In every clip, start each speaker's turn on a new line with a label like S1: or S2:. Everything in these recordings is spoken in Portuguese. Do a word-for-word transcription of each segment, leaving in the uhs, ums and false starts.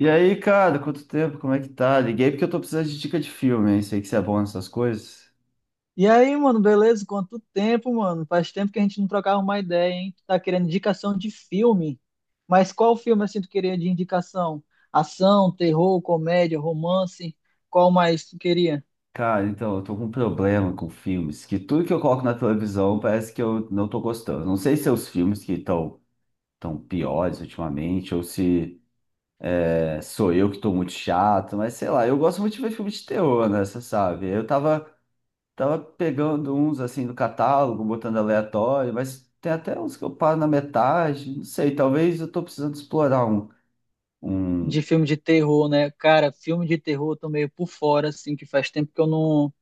S1: E aí, cara, quanto tempo? Como é que tá? Liguei porque eu tô precisando de dica de filme, hein? Sei que você é bom nessas coisas.
S2: E aí, mano, beleza? Quanto tempo, mano? Faz tempo que a gente não trocava uma ideia, hein? Tu tá querendo indicação de filme? Mas qual filme assim tu queria de indicação? Ação, terror, comédia, romance? Qual mais tu queria?
S1: Cara, então, eu tô com um problema com filmes, que tudo que eu coloco na televisão parece que eu não tô gostando. Não sei se é os filmes que estão tão tão piores ultimamente, ou se é, sou eu que tô muito chato, mas sei lá, eu gosto muito de ver filme de terror, né? Você sabe? Eu tava, tava pegando uns, assim, do catálogo, botando aleatório, mas tem até uns que eu paro na metade, não sei, talvez eu tô precisando explorar um... um.
S2: De filme de terror, né? Cara, filme de terror eu tô meio por fora, assim, que faz tempo que eu não,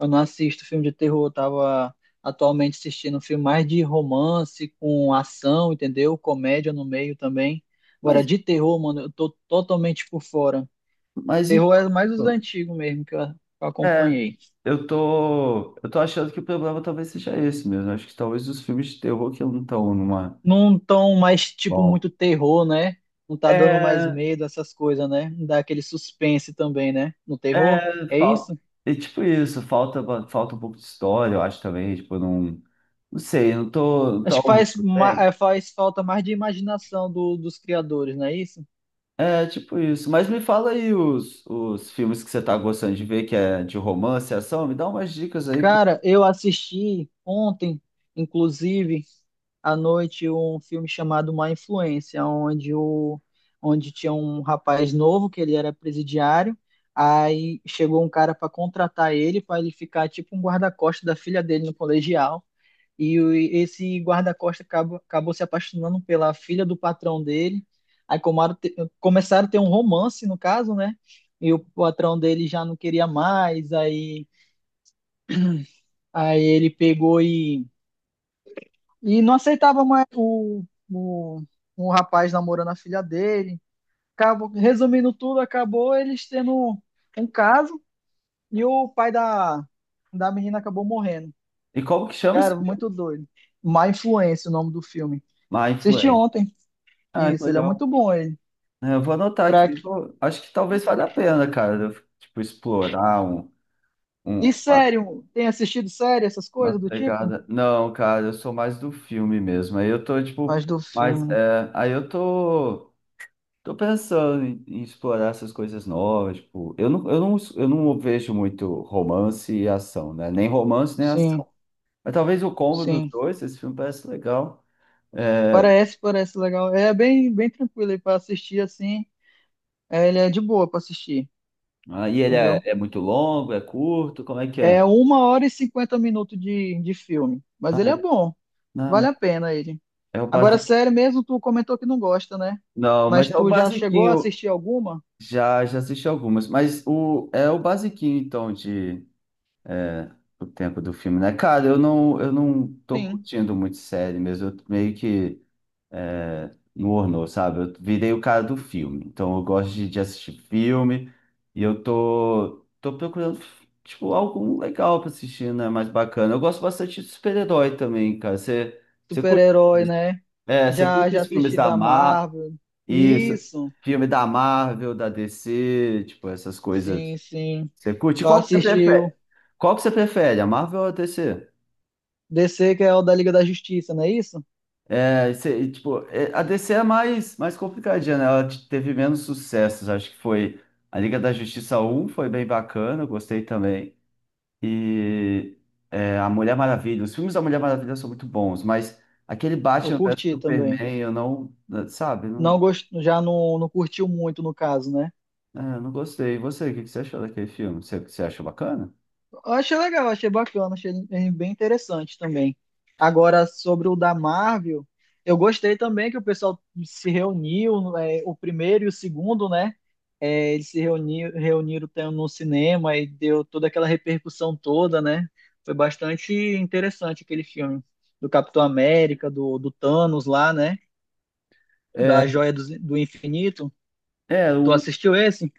S2: eu não assisto filme de terror. Eu tava atualmente assistindo um filme mais de romance, com ação, entendeu? Comédia no meio também. Agora,
S1: Mas
S2: de terror, mano, eu tô totalmente por fora.
S1: Mas
S2: Terror
S1: então,
S2: é mais os antigos mesmo que eu, que eu
S1: é,
S2: acompanhei.
S1: eu tô, eu tô achando que o problema talvez seja esse mesmo. Acho que talvez os filmes de terror que não estão numa.
S2: Não tão mais, tipo,
S1: Bom.
S2: muito terror, né? Não tá dando mais
S1: É,
S2: medo, essas coisas, né? Não dá aquele suspense também, né? No terror.
S1: é,
S2: É
S1: falta.
S2: isso?
S1: É tipo isso, falta, falta um pouco de história, eu acho também. Tipo, não. Não sei, não tô. Tá
S2: Acho que faz,
S1: único,
S2: ma-
S1: tem.
S2: eh, faz falta mais de imaginação do- dos criadores, não é isso?
S1: É, tipo isso. Mas me fala aí os, os filmes que você tá gostando de ver, que é de romance, ação, me dá umas dicas aí.
S2: Cara, eu assisti ontem, inclusive, à noite, um filme chamado Má Influência, onde, o, onde tinha um rapaz novo, que ele era presidiário, aí chegou um cara para contratar ele, para ele ficar tipo um guarda-costas da filha dele no colegial, e o- e esse guarda-costas acabou, acabou se apaixonando pela filha do patrão dele, aí comaram te- começaram a ter um romance, no caso, né? E o patrão dele já não queria mais, aí Aí ele pegou e, e não aceitava mais o, o, o rapaz namorando a filha dele. Acabou, resumindo tudo, acabou eles tendo um caso e o pai da, da menina acabou morrendo.
S1: E como que chama esse
S2: Cara,
S1: filme?
S2: muito doido. Má Influência, o nome do filme.
S1: My
S2: Assisti
S1: Influence.
S2: ontem.
S1: Ah, que
S2: Isso, ele é muito
S1: legal.
S2: bom, ele.
S1: É, eu vou anotar
S2: Pra...
S1: aqui. Pô, acho que talvez valha a pena, cara, eu, tipo, explorar um,
S2: E
S1: um- uma,
S2: sério, tem assistido série, essas
S1: uma
S2: coisas do tipo?
S1: pegada. Não, cara, eu sou mais do filme mesmo. Aí eu tô, tipo,
S2: Mas do
S1: mais.
S2: filme, né?
S1: É, aí eu tô, tô pensando em, em explorar essas coisas novas. Tipo, eu não, eu não, eu não vejo muito romance e ação, né? Nem romance, nem
S2: Sim,
S1: ação. Mas talvez o combo dos
S2: sim.
S1: dois, esse filme parece legal. É,
S2: Parece, parece legal. É bem, bem tranquilo aí pra assistir assim. É, ele é de boa pra assistir,
S1: aí ele é,
S2: entendeu?
S1: é muito longo, é curto, como é que
S2: É
S1: é?
S2: uma hora e cinquenta minutos de, de filme, mas
S1: Ah,
S2: ele é
S1: é-
S2: bom,
S1: não,
S2: vale
S1: mas
S2: a pena ele.
S1: é o
S2: Agora,
S1: base.
S2: sério mesmo, tu comentou que não gosta, né?
S1: Não, mas
S2: Mas
S1: é o
S2: tu já chegou a
S1: basiquinho.
S2: assistir alguma?
S1: Já, já assisti algumas, mas o, é o basiquinho, então, de o tempo do filme, né? Cara, eu não, eu não tô
S2: Sim,
S1: curtindo muito série mesmo, eu meio que é, no ornou, sabe? Eu virei o cara do filme, então eu gosto de, de assistir filme e eu tô, tô procurando, tipo, algo legal pra assistir, né? Mais bacana. Eu gosto bastante de super-herói também, cara. Você, você curte,
S2: super-herói, né?
S1: é, você
S2: Já,
S1: curte
S2: já
S1: os filmes
S2: assisti
S1: da
S2: da
S1: Marvel?
S2: Marvel.
S1: Isso.
S2: Isso,
S1: Filme da Marvel, da D C, tipo, essas
S2: sim,
S1: coisas.
S2: sim.
S1: Você curte?
S2: Eu
S1: Qual que você
S2: assisti o
S1: prefere? Qual que você prefere, a Marvel ou a D C?
S2: D C, que é o da Liga da Justiça, não é isso?
S1: É, você- e, tipo, é, a D C é mais, mais complicadinha, né? Ela te- teve menos sucessos. Acho que foi a Liga da Justiça um foi bem bacana, eu gostei também. E é, a Mulher Maravilha. Os filmes da Mulher Maravilha são muito bons, mas aquele
S2: Eu
S1: Batman vs
S2: curti também.
S1: Superman, eu não, sabe, não,
S2: Não gost... Já não, não curtiu muito, no caso, né?
S1: é, eu não gostei. E você, o que que você achou daquele filme? Você, você achou bacana?
S2: Eu achei legal, achei bacana, achei ele bem interessante também. Agora, sobre o da Marvel, eu gostei também que o pessoal se reuniu, é, o primeiro e o segundo, né? É, eles se reuniram, reuniram tam- no cinema e deu toda aquela repercussão toda, né? Foi bastante interessante aquele filme do Capitão América, do, do Thanos lá, né?
S1: É,
S2: Da Joia do, do Infinito.
S1: é,
S2: Tu
S1: o-
S2: assistiu esse?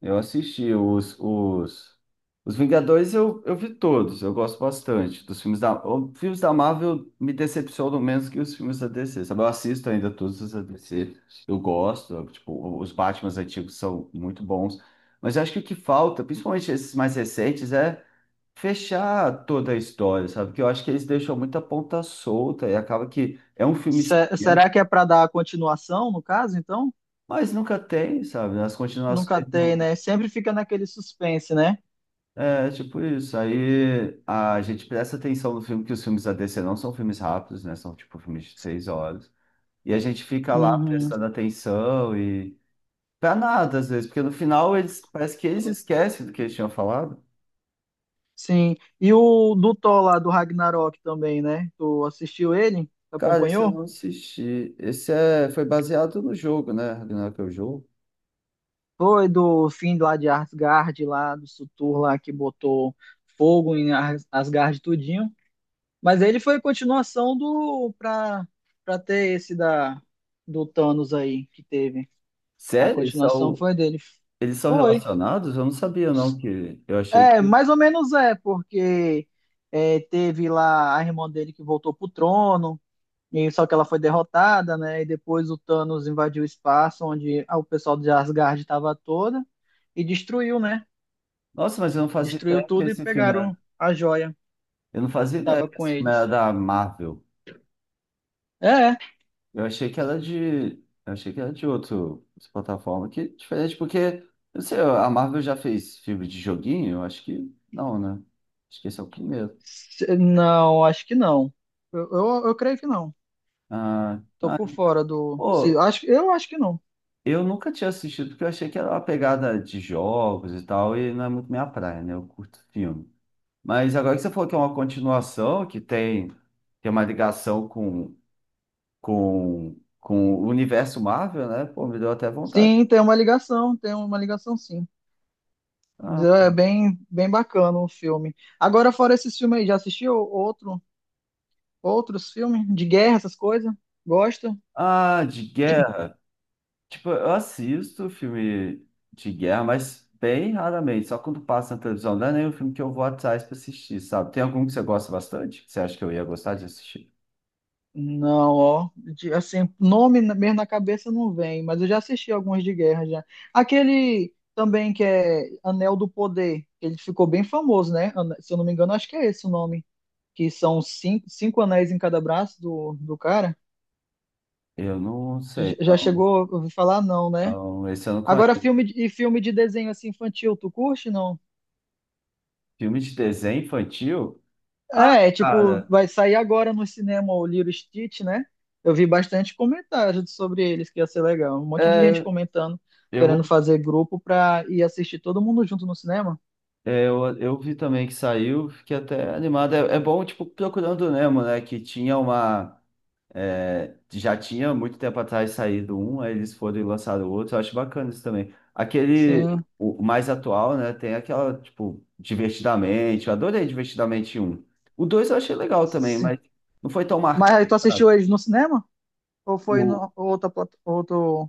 S1: eu assisti os, os, os Vingadores, eu, eu vi todos, eu gosto bastante dos filmes da... Os filmes da Marvel me decepcionam menos que os filmes da D C, sabe? Eu assisto ainda todos os da D C, eu gosto, eu, tipo, os Batmans antigos são muito bons, mas eu acho que o que falta, principalmente esses mais recentes, é fechar toda a história, sabe? Porque eu acho que eles deixam muita ponta solta e acaba que é um filme,
S2: Se-
S1: extenso,
S2: será que é para dar continuação, no caso, então?
S1: mas nunca tem, sabe? As
S2: Nunca
S1: continuações.
S2: tem, né? Sempre fica naquele suspense, né?
S1: É, tipo isso. Aí a gente presta atenção no filme, que os filmes da D C não são filmes rápidos, né? São tipo filmes de seis horas. E a gente fica lá
S2: Uhum.
S1: prestando atenção e. Pra nada, às vezes, porque no final eles parece que eles esquecem do que eles tinham falado.
S2: Sim. E o do Thor lá do Ragnarok também, né? Tu assistiu ele? Tu
S1: Cara, esse eu
S2: acompanhou?
S1: não assisti. Esse é... foi baseado no jogo, né? Ragnarok é o jogo.
S2: Foi do fim lá de Asgard, lá do Surtur lá que botou fogo em As- Asgard tudinho. Mas ele foi continuação do pra, pra ter esse da do Thanos aí que teve. A
S1: Sério? Eles
S2: continuação
S1: são...
S2: foi dele.
S1: eles são
S2: Foi.
S1: relacionados? Eu não sabia, não, que eu achei
S2: É,
S1: que.
S2: mais ou menos é, porque é, teve lá a irmã dele que voltou pro trono, e só que ela foi derrotada, né? E depois o Thanos invadiu o espaço onde o pessoal de Asgard estava toda e destruiu, né?
S1: Nossa, mas eu não fazia
S2: Destruiu
S1: ideia que
S2: tudo e
S1: esse filme era.
S2: pegaram a joia
S1: Eu não fazia
S2: que
S1: ideia
S2: estava
S1: que
S2: com
S1: esse filme era
S2: eles.
S1: da Marvel.
S2: É,
S1: Eu achei que era de. Eu achei que era de outro, outra plataforma que é diferente, porque, eu não sei, a Marvel já fez filme de joguinho? Eu acho que não, né? Acho que esse é o primeiro.
S2: se- não, acho que não. Eu, eu, eu creio que não.
S1: Ah,
S2: Tô
S1: ah,
S2: por fora do. Se-
S1: pô,
S2: acho, eu acho que não.
S1: eu nunca tinha assistido, porque eu achei que era uma pegada de jogos e tal, e não é muito minha praia, né? Eu curto filme. Mas agora que você falou que é uma continuação, que tem, tem uma ligação com, com, com o universo Marvel, né? Pô, me deu até vontade.
S2: Sim, tem uma ligação, tem uma ligação sim.
S1: Ah,
S2: É bem, bem bacana o filme. Agora, fora esses filmes aí, já assistiu outro, outros filmes de guerra, essas coisas? Gosta?
S1: ah, de guerra. Tipo, eu assisto filme de guerra, mas bem raramente, só quando passa na televisão. Não é nem um filme que eu vou atrás pra assistir, sabe? Tem algum que você gosta bastante? Que você acha que eu ia gostar de assistir?
S2: Não, ó. De- assim, nome na- mesmo na cabeça não vem, mas eu já assisti alguns de guerra já. Aquele também que é Anel do Poder, ele ficou bem famoso, né? Ane- Se eu não me engano, acho que é esse o nome. Que são cinco, cinco anéis em cada braço do, do cara.
S1: Eu não
S2: J-
S1: sei,
S2: Já
S1: não.
S2: chegou a ouvir falar? Não, né?
S1: Então, esse eu não conheço.
S2: Agora, filme de- e filme de desenho assim infantil, tu curte, não?
S1: Filme de desenho infantil? Ah,
S2: É, é tipo,
S1: cara,
S2: vai sair agora no cinema o Lilo e Stitch, né? Eu vi bastante comentários sobre eles, que ia ser legal. Um monte de gente
S1: é,
S2: comentando,
S1: eu,
S2: querendo fazer grupo pra ir assistir todo mundo junto no cinema.
S1: é, eu, eu vi também que saiu, fiquei até animado. É, é bom, tipo, Procurando Nemo, né? Que tinha uma. É, já tinha muito tempo atrás saído um, aí eles foram e lançaram outro. Eu acho bacana isso também. Aquele,
S2: Sim,
S1: o mais atual, né? Tem aquela, tipo, Divertidamente. Eu adorei Divertidamente um. O dois eu achei legal também,
S2: sim.
S1: mas não foi tão
S2: Mas aí tu
S1: marcante, sabe?
S2: assistiu eles no cinema? Ou foi
S1: O,
S2: no outra, plat- outro,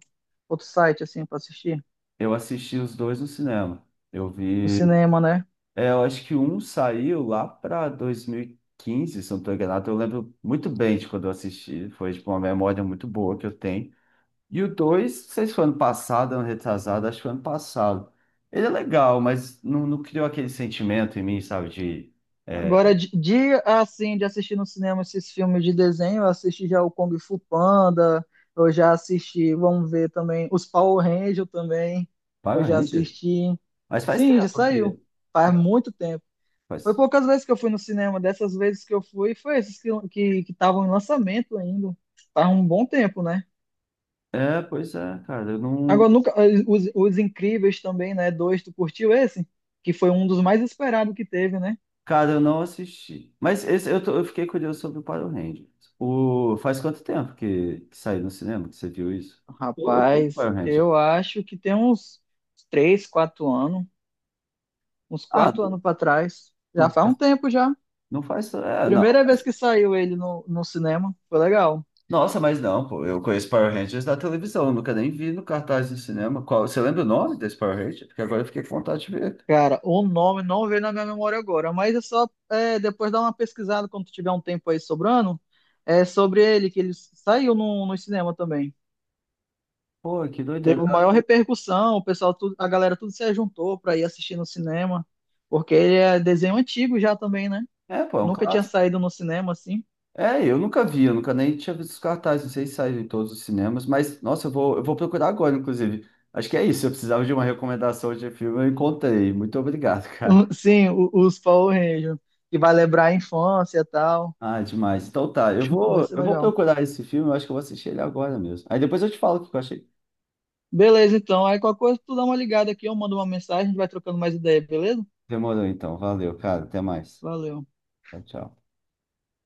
S2: outro site, assim, pra assistir?
S1: eu assisti os dois no cinema. Eu
S2: No
S1: vi.
S2: cinema, né?
S1: É, eu acho que um saiu lá pra dois mil e quinze, se eu não tô enganado. Eu lembro muito bem de quando eu assisti. Foi, tipo, uma memória muito boa que eu tenho. E o dois não sei se foi ano passado, ano retrasado, acho que foi ano passado. Ele é legal, mas não, não criou aquele sentimento em mim, sabe, de
S2: Agora,
S1: é,
S2: de, de, assim, de assistir no cinema esses filmes de desenho, eu assisti já o Kung Fu Panda, eu já assisti, vamos ver também, os Power Rangers também, eu
S1: Power
S2: já
S1: Ranger.
S2: assisti.
S1: Mas faz
S2: Sim, já
S1: tempo
S2: saiu,
S1: porque
S2: faz muito tempo. Foi
S1: faz.
S2: poucas vezes que eu fui no cinema, dessas vezes que eu fui, foi esses que que que estavam em lançamento ainda, faz um bom tempo, né?
S1: É, pois é, cara, eu não,
S2: Agora, nunca, eh, os, os Incríveis também, né? Dois, tu curtiu esse? Que foi um dos mais esperados que teve, né?
S1: cara, eu não assisti. Mas esse, eu, tô- eu fiquei curioso sobre o Power Ranger. O, faz quanto tempo que, que saiu no cinema que você viu isso? Eu, eu curto
S2: Rapaz,
S1: Power Ranger.
S2: eu acho que tem uns três, quatro anos, uns
S1: Ah,
S2: quatro
S1: não
S2: anos para trás. Já
S1: não
S2: faz
S1: faz,
S2: um tempo já.
S1: não faz, é, não.
S2: Primeira vez que saiu ele no, no cinema, foi legal.
S1: Nossa, mas não, pô. Eu conheço Power Rangers da televisão, eu nunca nem vi no cartaz do cinema. Qual, você lembra o nome desse Power Ranger? Porque agora eu fiquei com vontade de ver.
S2: Cara, o nome não veio na minha memória agora, mas é só é, depois dar uma pesquisada quando tiver um tempo aí sobrando. É sobre ele, que ele saiu no, no cinema também.
S1: Pô, que doideira.
S2: Deu maior repercussão, o pessoal, tudo- a galera tudo se juntou para ir assistir no cinema, porque ele é desenho antigo já também, né?
S1: É, pô, é um
S2: Nunca tinha
S1: clássico.
S2: saído no cinema assim.
S1: É, eu nunca vi, eu nunca nem tinha visto os cartazes, não sei se saíram em todos os cinemas, mas, nossa, eu vou, eu vou procurar agora, inclusive. Acho que é isso, eu precisava de uma recomendação de filme, eu encontrei. Muito obrigado, cara.
S2: o- Sim, o- os Power Rangers. Que vai lembrar a infância e tal.
S1: Ah, demais. Então tá, eu
S2: Vai
S1: vou,
S2: ser
S1: eu vou
S2: legal.
S1: procurar esse filme, eu acho que eu vou assistir ele agora mesmo. Aí depois eu te falo o que eu achei.
S2: Beleza, então. Aí qualquer coisa, tu dá uma ligada aqui, eu mando uma mensagem, a gente vai trocando mais ideia, beleza?
S1: Demorou então, valeu, cara, até mais.
S2: Valeu.
S1: Tchau, tchau.